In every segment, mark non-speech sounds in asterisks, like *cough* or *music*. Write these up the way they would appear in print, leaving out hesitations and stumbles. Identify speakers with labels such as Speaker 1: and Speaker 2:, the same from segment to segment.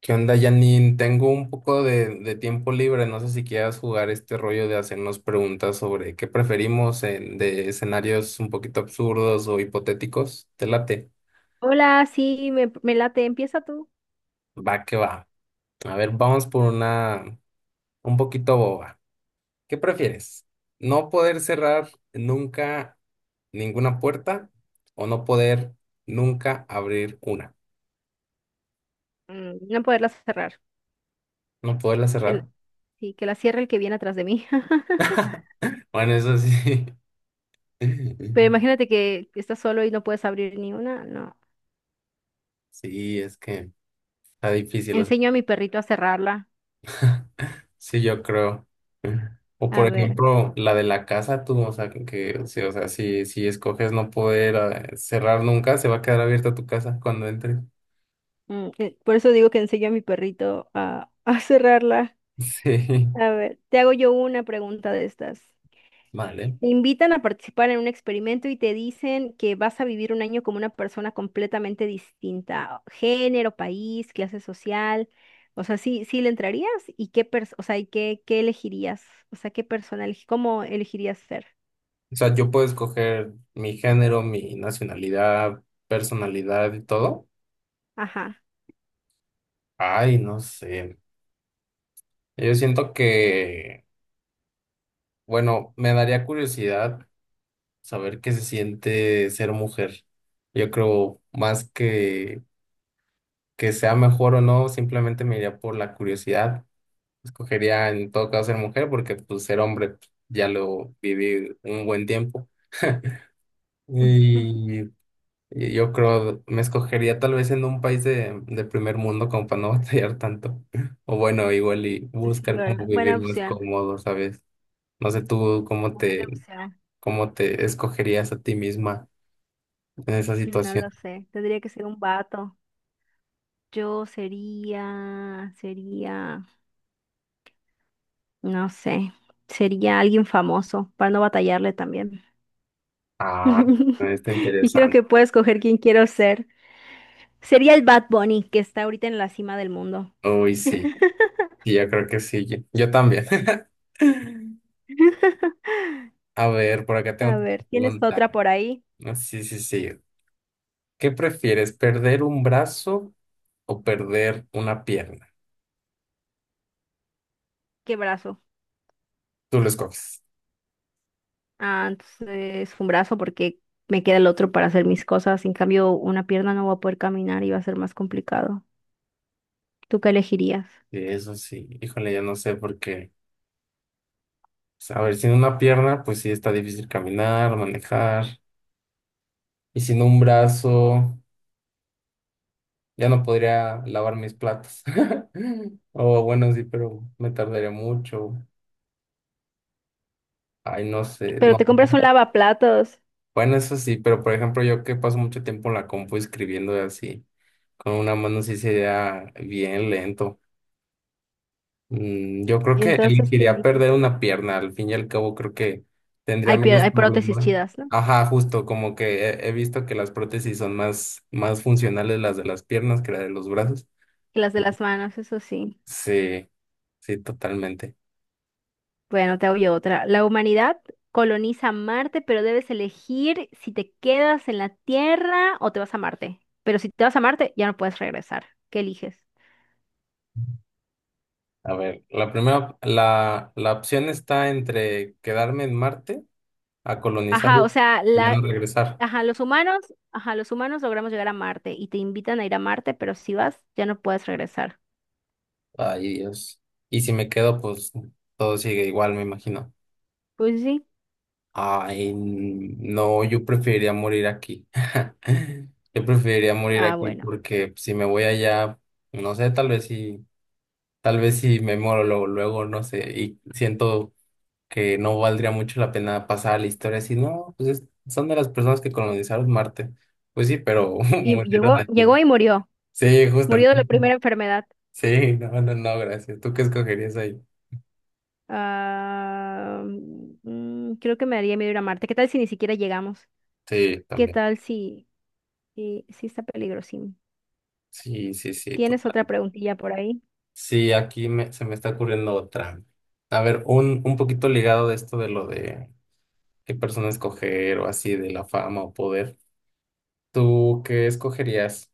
Speaker 1: ¿Qué onda, Janine? Tengo un poco de tiempo libre. No sé si quieras jugar este rollo de hacernos preguntas sobre qué preferimos en, de escenarios un poquito absurdos o hipotéticos. ¿Te late?
Speaker 2: Hola, sí, me late. Empieza tú.
Speaker 1: Va que va. A ver, vamos por una un poquito boba. ¿Qué prefieres? ¿No poder cerrar nunca ninguna puerta o no poder nunca abrir una?
Speaker 2: Mm, no poderla cerrar.
Speaker 1: ¿No poderla
Speaker 2: Que l-
Speaker 1: cerrar?
Speaker 2: sí, que la cierre el que viene atrás de mí. *laughs*
Speaker 1: *laughs* Bueno, eso sí. *laughs*
Speaker 2: Pero imagínate que estás solo y no puedes abrir ni una. No.
Speaker 1: Sí, es que está difícil.
Speaker 2: Enseño a mi perrito a cerrarla.
Speaker 1: Sí, yo creo. O
Speaker 2: A
Speaker 1: por
Speaker 2: ver.
Speaker 1: ejemplo, la de la casa, tú, o sea, sí, o sea, si escoges no poder cerrar nunca, se va a quedar abierta tu casa cuando entres. *laughs*
Speaker 2: Por eso digo que enseño a mi perrito a, *laughs* a cerrarla.
Speaker 1: Sí,
Speaker 2: A ver, te hago yo una pregunta de estas. Te
Speaker 1: vale.
Speaker 2: invitan a participar en un experimento y te dicen que vas a vivir un año como una persona completamente distinta, género, país, clase social. O sea, sí, sí le entrarías y o sea, qué elegirías, o sea, qué persona, cómo elegirías ser.
Speaker 1: O sea, yo puedo escoger mi género, mi nacionalidad, personalidad y todo.
Speaker 2: Ajá.
Speaker 1: Ay, no sé. Yo siento que, bueno, me daría curiosidad saber qué se siente ser mujer. Yo creo más que sea mejor o no, simplemente me iría por la curiosidad. Escogería en todo caso ser mujer porque pues ser hombre pues, ya lo viví un buen tiempo.
Speaker 2: Ujú.
Speaker 1: Y, y yo creo, me escogería tal vez en un país de primer mundo como para no batallar tanto. *laughs* O bueno, igual y
Speaker 2: Sí,
Speaker 1: buscar
Speaker 2: ¿verdad?
Speaker 1: como
Speaker 2: Buena
Speaker 1: vivir más
Speaker 2: opción.
Speaker 1: cómodo, ¿sabes? No sé tú
Speaker 2: Buena opción.
Speaker 1: cómo te escogerías a ti misma en esa
Speaker 2: No
Speaker 1: situación.
Speaker 2: lo sé. Tendría que ser un vato. Yo sería, sería, no sé, sería alguien famoso para no batallarle también.
Speaker 1: Ah,
Speaker 2: *laughs*
Speaker 1: está
Speaker 2: Dijeron
Speaker 1: interesante.
Speaker 2: que puedo escoger quién quiero ser. Sería el Bad Bunny, que está ahorita en la cima del mundo.
Speaker 1: Uy, sí. Y yo creo que sí, yo también. *laughs*
Speaker 2: *laughs*
Speaker 1: A ver, por acá tengo
Speaker 2: A
Speaker 1: una
Speaker 2: ver, ¿tienes
Speaker 1: pregunta.
Speaker 2: otra por ahí?
Speaker 1: Ah, sí, sí, sí. ¿Qué prefieres, perder un brazo o perder una pierna?
Speaker 2: ¿Qué brazo?
Speaker 1: Tú lo escoges.
Speaker 2: Ah, entonces un brazo porque me queda el otro para hacer mis cosas. En cambio, una pierna no va a poder caminar y va a ser más complicado. ¿Tú qué elegirías?
Speaker 1: Sí, eso sí. Híjole, ya no sé por qué. Pues, a ver, sin una pierna, pues sí está difícil caminar, manejar. Y sin un brazo, ya no podría lavar mis platos. *laughs* O bueno, sí, pero me tardaría mucho. Ay, no sé.
Speaker 2: Pero te
Speaker 1: No.
Speaker 2: compras un lavaplatos.
Speaker 1: Bueno, eso sí, pero por ejemplo, yo que paso mucho tiempo en la compu escribiendo así, con una mano sí sería bien lento. Yo creo
Speaker 2: ¿Y
Speaker 1: que
Speaker 2: entonces qué
Speaker 1: elegiría
Speaker 2: eliges?
Speaker 1: perder una pierna, al fin y al cabo creo que tendría
Speaker 2: Hay,
Speaker 1: menos
Speaker 2: hay prótesis
Speaker 1: problemas.
Speaker 2: chidas, ¿no?
Speaker 1: Ajá, justo, como que he visto que las prótesis son más, más funcionales las de las piernas que las de los brazos.
Speaker 2: Que las de las manos, eso sí.
Speaker 1: Sí, sí, totalmente.
Speaker 2: Bueno, te oye otra. La humanidad coloniza Marte, pero debes elegir si te quedas en la Tierra o te vas a Marte. Pero si te vas a Marte, ya no puedes regresar. ¿Qué eliges?
Speaker 1: A ver, la primera, la opción está entre quedarme en Marte a colonizar
Speaker 2: Ajá, o sea,
Speaker 1: y ya no regresar.
Speaker 2: ajá, los humanos, ajá, los humanos logramos llegar a Marte y te invitan a ir a Marte, pero si vas, ya no puedes regresar.
Speaker 1: Ay, Dios. Y si me quedo, pues todo sigue igual, me imagino.
Speaker 2: Pues sí.
Speaker 1: Ay, no, yo preferiría morir aquí. *laughs* Yo preferiría morir
Speaker 2: Ah,
Speaker 1: aquí
Speaker 2: bueno.
Speaker 1: porque si me voy allá, no sé, tal vez si me muero luego, luego, no sé, y siento que no valdría mucho la pena pasar a la historia si no, son de las personas que colonizaron Marte. Pues sí, pero *laughs*
Speaker 2: Y
Speaker 1: murieron
Speaker 2: llegó,
Speaker 1: aquí.
Speaker 2: llegó y murió.
Speaker 1: Sí, justo.
Speaker 2: Murió de la primera enfermedad.
Speaker 1: Sí, no, no, no, gracias. ¿Tú qué escogerías ahí?
Speaker 2: Ah, mm, creo que me daría miedo ir a Marte. ¿Qué tal si ni siquiera llegamos?
Speaker 1: Sí,
Speaker 2: ¿Qué
Speaker 1: también.
Speaker 2: tal si sí, sí está peligrosísimo.
Speaker 1: Sí, sí, sí,
Speaker 2: ¿Tienes otra
Speaker 1: total.
Speaker 2: preguntilla por ahí?
Speaker 1: Sí, aquí se me está ocurriendo otra. A ver, un poquito ligado de esto de lo de qué persona escoger o así, de la fama o poder. ¿Tú qué escogerías?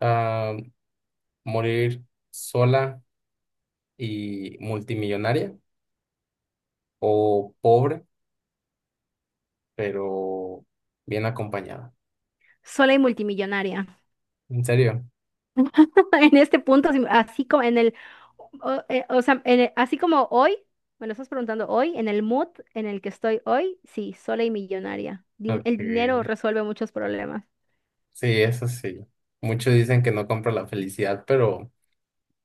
Speaker 1: Ah, ¿morir sola y multimillonaria o pobre pero bien acompañada?
Speaker 2: Sola y multimillonaria.
Speaker 1: ¿En serio?
Speaker 2: *laughs* En este punto, así como en el, o sea, así como hoy, me lo estás preguntando hoy, en el mood en el que estoy hoy, sí, sola y millonaria. El dinero
Speaker 1: Okay.
Speaker 2: resuelve muchos problemas.
Speaker 1: Sí, eso sí. Muchos dicen que no compra la felicidad, pero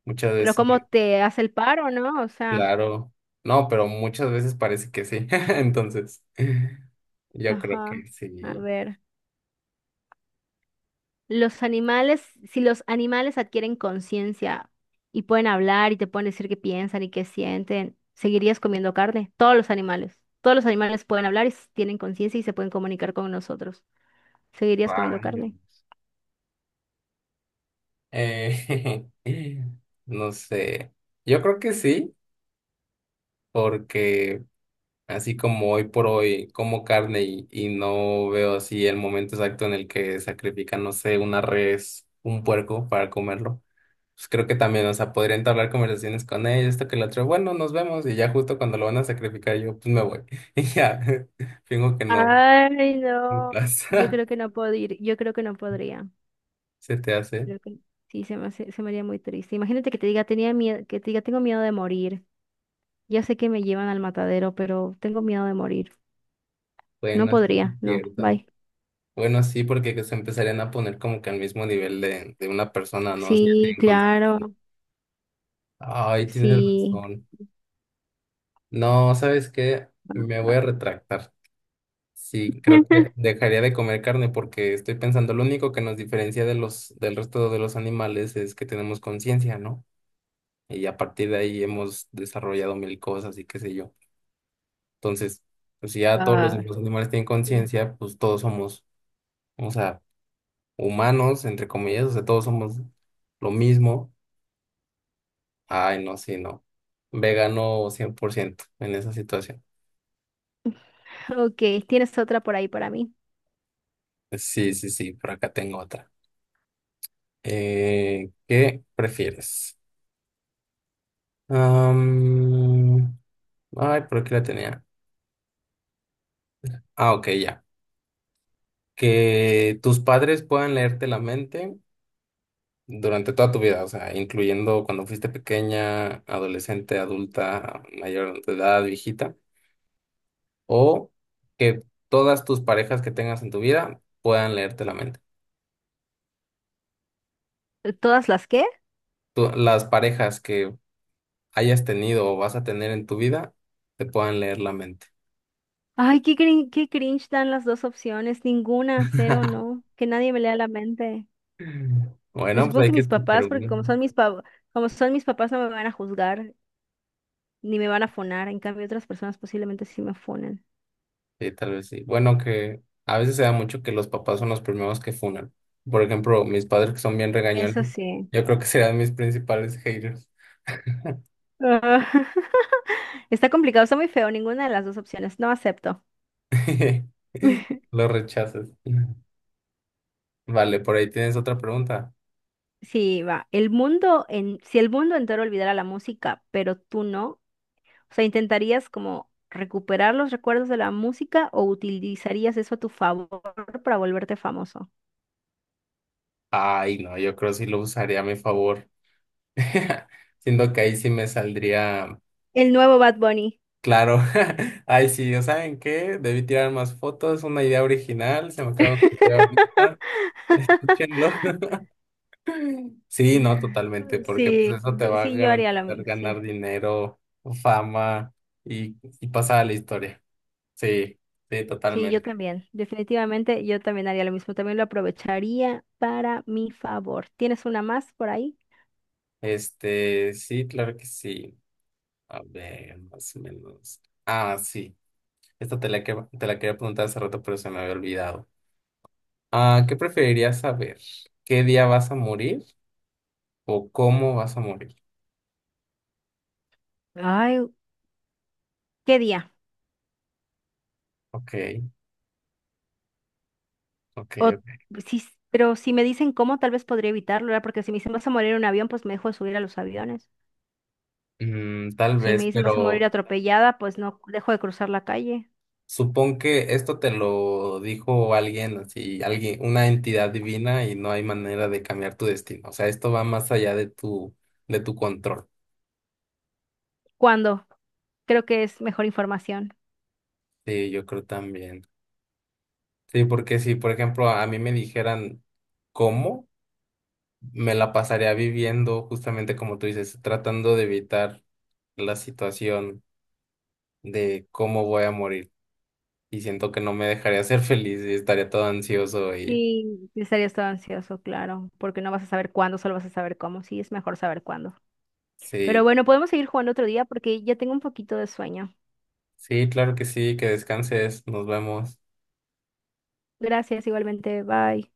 Speaker 1: muchas
Speaker 2: Pero
Speaker 1: veces...
Speaker 2: ¿cómo te hace el paro, no? O sea,
Speaker 1: Claro. No, pero muchas veces parece que sí. *laughs* Entonces, yo creo
Speaker 2: ajá,
Speaker 1: que
Speaker 2: a
Speaker 1: sí.
Speaker 2: ver. Los animales, si los animales adquieren conciencia y pueden hablar y te pueden decir qué piensan y qué sienten, ¿seguirías comiendo carne? Todos los animales. Todos los animales pueden hablar y tienen conciencia y se pueden comunicar con nosotros. ¿Seguirías comiendo carne?
Speaker 1: Rayos. Eh, *laughs* no sé. Yo creo que sí, porque así como hoy por hoy como carne y no veo así el momento exacto en el que sacrifican, no sé, una res, un puerco para comerlo. Pues creo que también, o sea, podría entablar conversaciones con ellos, esto que lo otro, bueno, nos vemos y ya justo cuando lo van a sacrificar yo, pues me voy. *laughs* Y ya, *laughs* fingo que no
Speaker 2: Ay,
Speaker 1: me
Speaker 2: no.
Speaker 1: pasa.
Speaker 2: Yo creo que no podría.
Speaker 1: *laughs* Se te hace.
Speaker 2: Creo que sí, se me haría muy triste. Imagínate que te diga, tenía miedo, que te diga, tengo miedo de morir. Ya sé que me llevan al matadero, pero tengo miedo de morir. No
Speaker 1: Bueno, sí
Speaker 2: podría,
Speaker 1: es
Speaker 2: no,
Speaker 1: cierto.
Speaker 2: bye.
Speaker 1: Bueno, sí, porque se empezarían a poner como que al mismo nivel de una persona, ¿no? O sea,
Speaker 2: Sí,
Speaker 1: tienen con-
Speaker 2: claro.
Speaker 1: Ay, tienes
Speaker 2: Sí.
Speaker 1: razón. No, ¿sabes qué? Me voy a
Speaker 2: Ah,
Speaker 1: retractar. Sí, creo que
Speaker 2: *laughs*
Speaker 1: dejaría de comer carne porque estoy pensando, lo único que nos diferencia de los, del resto de los animales es que tenemos conciencia, ¿no? Y a partir de ahí hemos desarrollado mil cosas y qué sé yo. Entonces, pues si ya todos los
Speaker 2: ah,
Speaker 1: demás animales tienen
Speaker 2: sí.
Speaker 1: conciencia, pues todos somos, o sea, humanos, entre comillas, o sea, todos somos lo mismo. Ay, no, sí, no. Vegano 100% en esa situación.
Speaker 2: Ok, tienes otra por ahí para mí.
Speaker 1: Sí, sí, sí, por acá tengo otra. ¿Qué prefieres? Am, ay, por aquí la tenía. Ah, ok, ya. Que tus padres puedan leerte la mente durante toda tu vida, o sea, incluyendo cuando fuiste pequeña, adolescente, adulta, mayor de edad, viejita, o que todas tus parejas que tengas en tu vida puedan leerte la mente.
Speaker 2: ¿Todas las qué?
Speaker 1: Las parejas que hayas tenido o vas a tener en tu vida te puedan leer la mente.
Speaker 2: Ay, qué cringe dan las dos opciones. Ninguna, cero,
Speaker 1: *laughs*
Speaker 2: no. Que nadie me lea la mente.
Speaker 1: Bueno,
Speaker 2: Pues
Speaker 1: pues
Speaker 2: supongo
Speaker 1: hay
Speaker 2: que
Speaker 1: que
Speaker 2: mis
Speaker 1: escoger
Speaker 2: papás, porque
Speaker 1: uno.
Speaker 2: como son mis papás, no me van a juzgar ni me van a fonar. En cambio, otras personas posiblemente sí me fonen.
Speaker 1: Sí, tal vez sí. Bueno, que a veces se da mucho que los papás son los primeros que funan. Por ejemplo, mis padres que son bien regañones,
Speaker 2: Eso sí.
Speaker 1: yo creo que serán mis principales haters.
Speaker 2: Ah, *laughs* está complicado, está muy feo. Ninguna de las dos opciones. No acepto.
Speaker 1: *laughs* Los rechazas. Vale, por ahí tienes otra pregunta.
Speaker 2: Sí, va. Si el mundo entero olvidara la música, pero tú no, o sea, ¿intentarías como recuperar los recuerdos de la música o utilizarías eso a tu favor para volverte famoso?
Speaker 1: Ay, no, yo creo que sí lo usaría a mi favor. *laughs* Siendo que ahí sí me saldría
Speaker 2: El nuevo Bad Bunny.
Speaker 1: claro. *laughs* Ay, sí, ¿o ¿saben qué? Debí tirar más fotos, una idea original, se me acaba de ocurrir ahorita. *laughs* Escúchenlo. *clears throat* Sí, no, totalmente, porque pues eso te va a
Speaker 2: Sí, yo haría lo
Speaker 1: garantizar
Speaker 2: mismo. Sí.
Speaker 1: ganar dinero, fama y pasar a la historia. Sí, sí,
Speaker 2: Sí, yo
Speaker 1: totalmente.
Speaker 2: también. Definitivamente yo también haría lo mismo. También lo aprovecharía para mi favor. ¿Tienes una más por ahí?
Speaker 1: Este, sí, claro que sí. A ver, más o menos. Ah, sí. Esta te la quería preguntar hace rato, pero se me había olvidado. Ah, ¿qué preferirías saber? ¿Qué día vas a morir o cómo vas a morir?
Speaker 2: Ay, ¿qué día?
Speaker 1: Ok, ok,
Speaker 2: O
Speaker 1: ok.
Speaker 2: sí, pero si me dicen cómo, tal vez podría evitarlo, ¿verdad? Porque si me dicen vas a morir en un avión, pues me dejo de subir a los aviones.
Speaker 1: Tal
Speaker 2: Si me
Speaker 1: vez,
Speaker 2: dicen vas a morir
Speaker 1: pero
Speaker 2: atropellada, pues no dejo de cruzar la calle.
Speaker 1: supón que esto te lo dijo alguien, así, alguien, una entidad divina y no hay manera de cambiar tu destino. O sea, esto va más allá de tu control.
Speaker 2: ¿Cuándo? Creo que es mejor información.
Speaker 1: Sí, yo creo también. Sí, porque si, por ejemplo, a mí me dijeran cómo, me la pasaría viviendo justamente como tú dices, tratando de evitar la situación de cómo voy a morir. Y siento que no me dejaría ser *laughs* feliz y estaría todo ansioso y
Speaker 2: Sí, sí estarías todo ansioso, claro, porque no vas a saber cuándo, solo vas a saber cómo. Sí, es mejor saber cuándo. Pero
Speaker 1: sí,
Speaker 2: bueno, podemos seguir jugando otro día porque ya tengo un poquito de sueño.
Speaker 1: sí, claro que sí, que descanses, nos vemos.
Speaker 2: Gracias, igualmente. Bye.